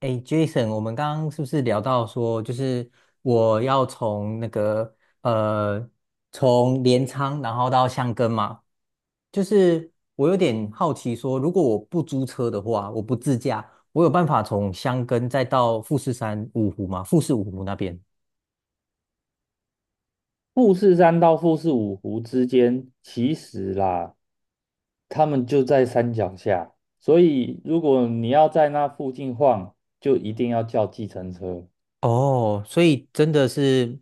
哎，Jason，我们刚刚是不是聊到说，就是我要从那个呃，从镰仓然后到箱根嘛？就是我有点好奇说，如果我不租车的话，我不自驾，我有办法从箱根再到富士山五湖吗？富士五湖那边？富士山到富士五湖之间，其实啦，他们就在山脚下，所以如果你要在那附近晃，就一定要叫计程车。哦，所以真的是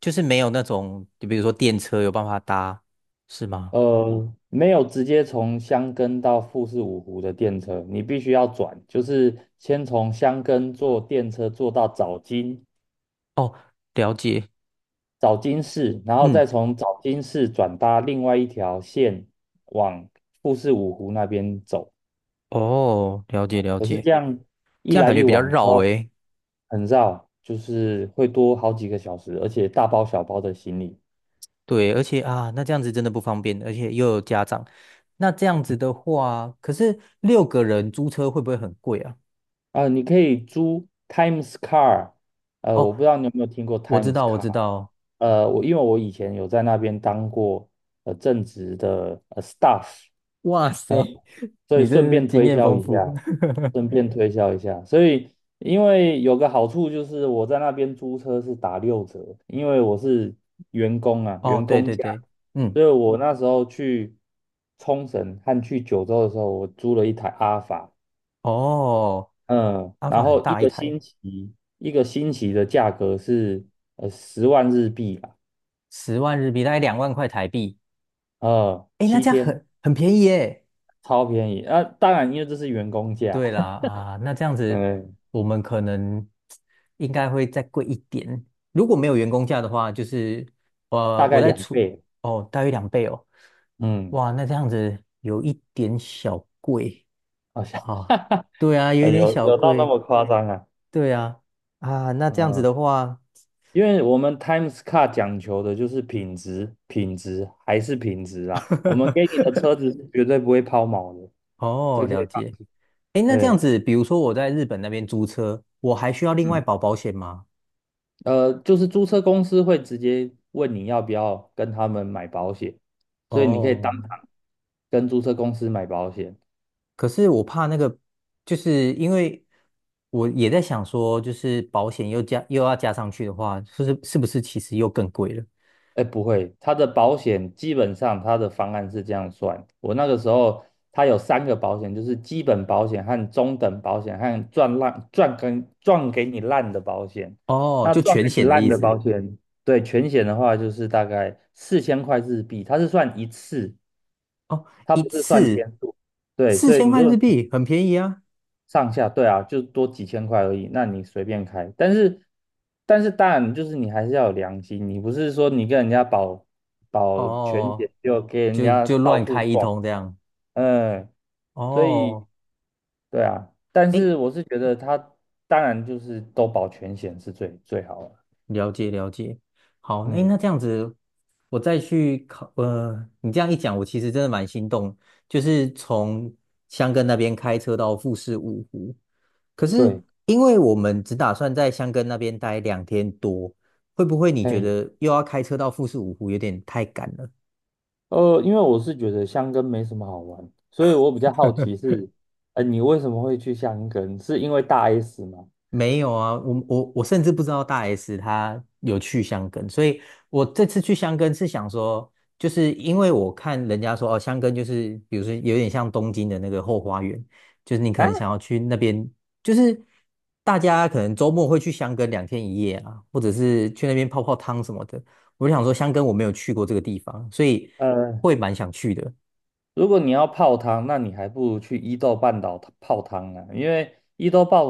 就是没有那种，就比如说电车有办法搭，是吗？没有直接从箱根到富士五湖的电车，你必须要转，就是先从箱根坐电车坐到早金，哦，了解，早金市，然后嗯，再从早金市转搭另外一条线往富士五湖那边走。哦，了解了可是解。这样一这样来感一觉比较往绕然后诶。很绕，就是会多好几个小时，而且大包小包的行李。对，而且啊，那这样子真的不方便，而且又有家长。那这样子的话，可是六个人租车会不会很贵啊？啊、你可以租 Times Car。我哦，不知道你有没有听过 我知 Times 道，我 Car。知道。我因为我以前有在那边当过正职的staff，哇塞，所以你顺真是便经推验销丰一富。下，顺便推销一下。所以因为有个好处就是我在那边租车是打6折，因为我是员工啊，哦，员对工对价。对，嗯，所以我那时候去冲绳和去九州的时候，我租了一台阿法。哦，嗯，阿法然很后一大一个台，星期一个星期的价格是10万日币吧，10万日币，大概2万块台币。诶，那七这样天很便宜耶。超便宜。啊，当然因为这是员工价。对啦，啊，那这样子，嗯，我们可能应该会再贵一点。如果没有员工价的话，就是呃，大我概在两出倍，哦，大约2倍哦。嗯。哇，那这样子有一点小贵好像 啊。哈哈，对啊，有一点有小有到那贵。么夸张啊？对啊，啊，那这样子嗯，的话，因为我们 Times Car 讲求的就是品质，品质还是品质啊。我们给你 的车子是绝对不会抛锚的，哦，这可了以放。解。诶，那这样对。子，比如说我在日本那边租车，我还需要另外嗯，保险吗？就是租车公司会直接问你要不要跟他们买保险，所以你可以哦，当场跟租车公司买保险。可是我怕那个，就是因为我也在想说，就是保险又要加上去的话，就是是不是其实又更贵了？哎，不会，它的保险基本上它的方案是这样算。我那个时候，它有3个保险，就是基本保险和中等保险和赚烂赚跟赚给你烂的保险。哦，那就赚全给你险的烂意的思保险，对全险的话，就是大概4000块日币，它是算一次，哦，它一不是算次天数。对，四所以千你块如果日币，很便宜啊。上下，对啊，就多几千块而已，那你随便开。但是当然就是你还是要有良心，你不是说你跟人家保保全哦，险就给人就家就到乱处开一撞。通这样。嗯，所以哦，对啊，但哎是我是觉得他当然就是都保全险是最最好的。了解了解，好，哎，那嗯。这样子，我再去考，呃，你这样一讲，我其实真的蛮心动，就是从箱根那边开车到富士五湖，可是对。因为我们只打算在箱根那边待2天多，会不会你觉嘿，得又要开车到富士五湖有点太赶了？因为我是觉得箱根没什么好玩，所以我比较好奇是，你为什么会去箱根？是因为大 S 吗？没有啊，我甚至不知道大 S 她有去香根，所以我这次去香根是想说，就是因为我看人家说哦，香根就是比如说有点像东京的那个后花园，就是你可啊？能想要去那边，就是大家可能周末会去香根两天一夜啊，或者是去那边泡泡汤什么的。我就想说，香根我没有去过这个地方，所以呃。会蛮想去的。如果你要泡汤，那你还不如去伊豆半岛泡汤啊，因为伊豆半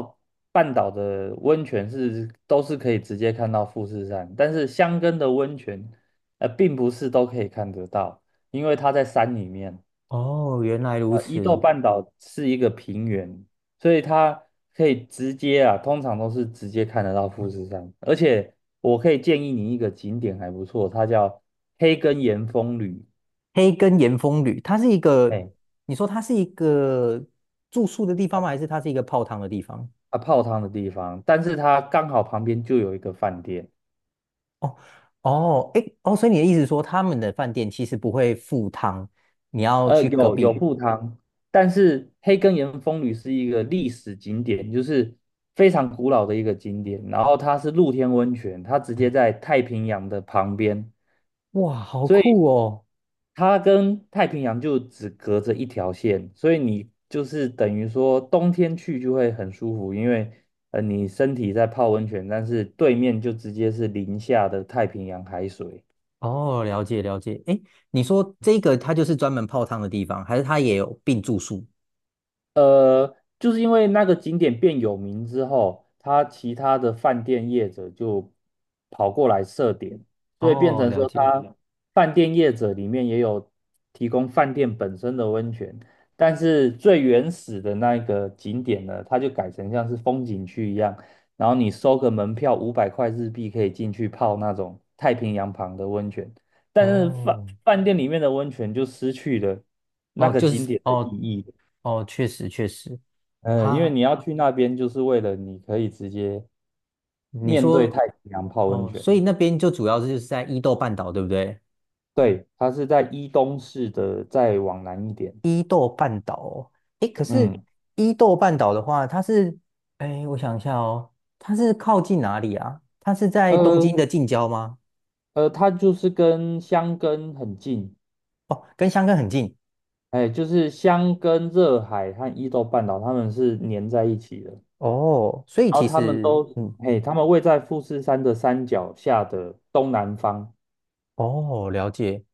半岛的温泉是都是可以直接看到富士山，但是箱根的温泉，并不是都可以看得到，因为它在山里面。哦，原来如伊豆此。半岛是一个平原，所以它可以直接啊，通常都是直接看得到富士山。而且我可以建议你一个景点还不错，它叫黑根岩风旅。黑根岩风旅，它是一个，哎，你说它是一个住宿的地方吗？还是它是一个泡汤的地方？啊泡汤的地方，但是它刚好旁边就有一个饭店。哦哦，诶哦，所以你的意思是说他们的饭店其实不会附汤，你要去隔有壁？铺汤，但是黑根岩风吕是一个历史景点，就是非常古老的一个景点，然后它是露天温泉，它直接在太平洋的旁边，哇，好所以酷哦！它跟太平洋就只隔着一条线，所以你就是等于说冬天去就会很舒服，因为你身体在泡温泉，但是对面就直接是零下的太平洋海水。哦，了解了解。诶，你说这个它就是专门泡汤的地方，还是它也有并住宿？就是因为那个景点变有名之后，他其他的饭店业者就跑过来设点，所以变哦，成了说，解。他饭店业者里面也有提供饭店本身的温泉，但是最原始的那个景点呢，它就改成像是风景区一样，然后你收个门票500块日币可以进去泡那种太平洋旁的温泉，但是饭哦饭店里面的温泉就失去了那哦，个就景是点的意哦义。哦，确实确实。嗯，因为哈，你要去那边，就是为了你可以直接你面对太说平洋泡温哦，泉。所以那边就主要是就是在伊豆半岛，对不对？对，它是在伊东市的，再往南一点。伊豆半岛哦，诶，可是嗯。伊豆半岛的话，诶，我想一下哦，它是靠近哪里啊？它是在东京呃的近郊吗？它就是跟箱根很近。哦，跟箱根很近哎，就是箱根热海和伊豆半岛，它们是粘在一起的。哦，所以然其后它们实，都，嗯，它们位在富士山的山脚下的东南方。哦，了解。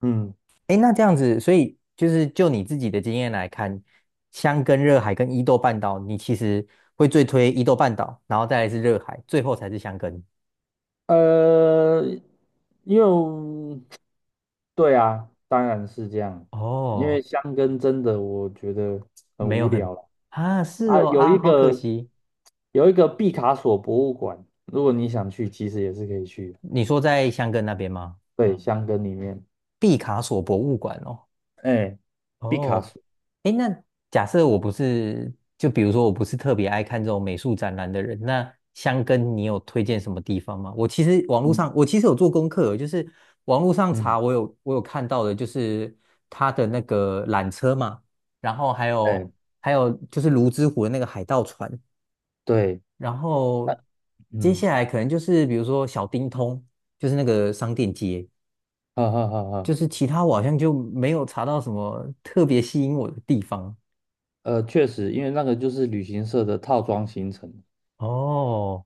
嗯。诶，那这样子，所以就是就你自己的经验来看，箱根热海跟伊豆半岛，你其实会最推伊豆半岛，然后再来是热海，最后才是箱根。呃，因为对啊，当然是这样，因为哦，香根真的我觉得很没有无很聊了啊，是啊。哦啊，好可惜。有一个毕卡索博物馆，如果你想去，其实也是可以去的。你说在香根那边吗？对，香根里面。毕卡索博物馆哦。哎，毕卡哦，索。诶，那假设我不是，就比如说我不是特别爱看这种美术展览的人，那香根你有推荐什么地方吗？嗯我其实有做功课哦，就是网络上嗯。查，我有看到的，就是它的那个缆车嘛，然后还哎，有还有就是泸沽湖的那个海盗船，对。然后接嗯。下来可能就是比如说小丁通，就是那个商店街，哈哈哈哈。就是其他我好像就没有查到什么特别吸引我的地方。确实，因为那个就是旅行社的套装行程。哦，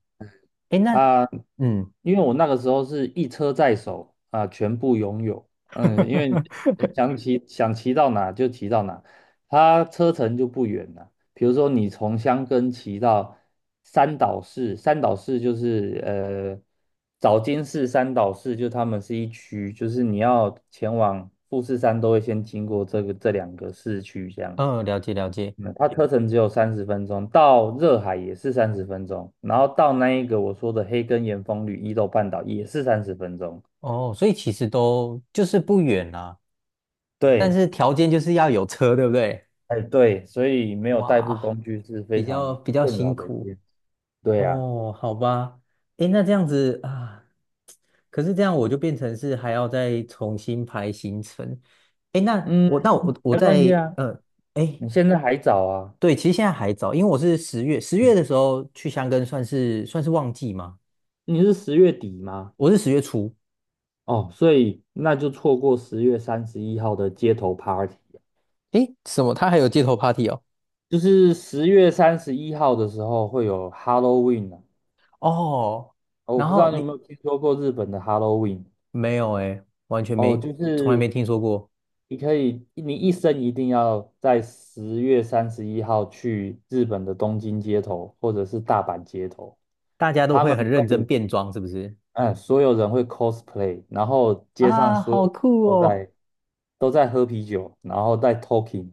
哎，那啊，嗯因为我那个时候是一车在手啊，全部拥有。嗯，因为想骑到哪就骑到哪，它车程就不远了。比如说你从箱根骑到三岛市，三岛市就是早金市、三岛市，就他们是一区，就是你要前往富士山都会先经过这个这2个市区这样。嗯，了解了解。嗯，它车程只有三十分钟，到热海也是三十分钟，然后到那一个我说的黑根岩风吕伊豆半岛也是三十分钟。哦，所以其实都就是不远啦，但对。是条件就是要有车，对不对？哎对，所以没有代步哇，工具是非比较常比较困辛扰的一苦。件事。对啊。哦，好吧，诶，那这样子啊，可是这样我就变成是还要再重新排行程。诶，那嗯，我那我我没关系在啊，呃，诶，你现在还早啊。对，其实现在还早，因为我是十月嗯的时候去香根算是旺季嘛，你是10月底吗？我是十月初。哦，所以那就错过十月三十一号的街头 party。啊，诶，什么？他还有街头 party 哦？就是十月三十一号的时候会有 Halloween 啊。哦，哦我然不知道后你有没你有听说过日本的 Halloween。没有诶，完全哦，没，就从来没是听说过。你可以，你一生一定要在十月三十一号去日本的东京街头或者是大阪街头，大家都他会们很认真会，变装，是不是？嗯，所有人会 cosplay,然后街上啊，所好有酷都哦！在都在喝啤酒，然后在 talking,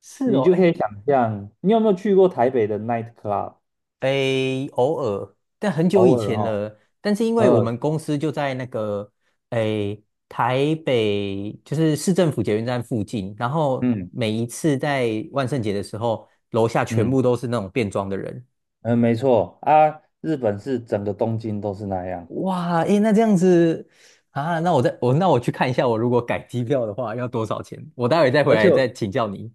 是你哦，就可以哎、想象，你有没有去过台北的 night club?诶，偶尔，但很久以偶尔前哦。了。但是因为我呃，们公司就在诶台北，就是市政府捷运站附近，然后嗯每一次在万圣节的时候，楼下全嗯部都是那种变装的人。嗯，没错啊，日本是整个东京都是那样。哇，诶，那这样子啊，那我去看一下，我如果改机票的话要多少钱？我待会再回而且来再请教你。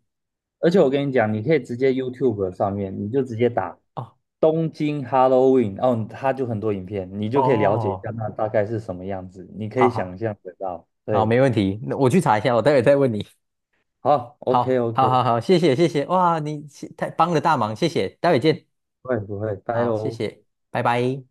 而且我跟你讲，你可以直接 YouTube 上面，你就直接打哦东京 Halloween。哦，它就很多影片，你就可以了解一哦，下那大概是什么样子，你可好以想好象得到。好，对，没问题，那我去查一下，我待会再问你。好，OK 好，好，好，OK,好，谢谢，谢谢，哇，你太帮了大忙，谢谢，待会见，不会不会，拜好，谢喽。谢，拜拜。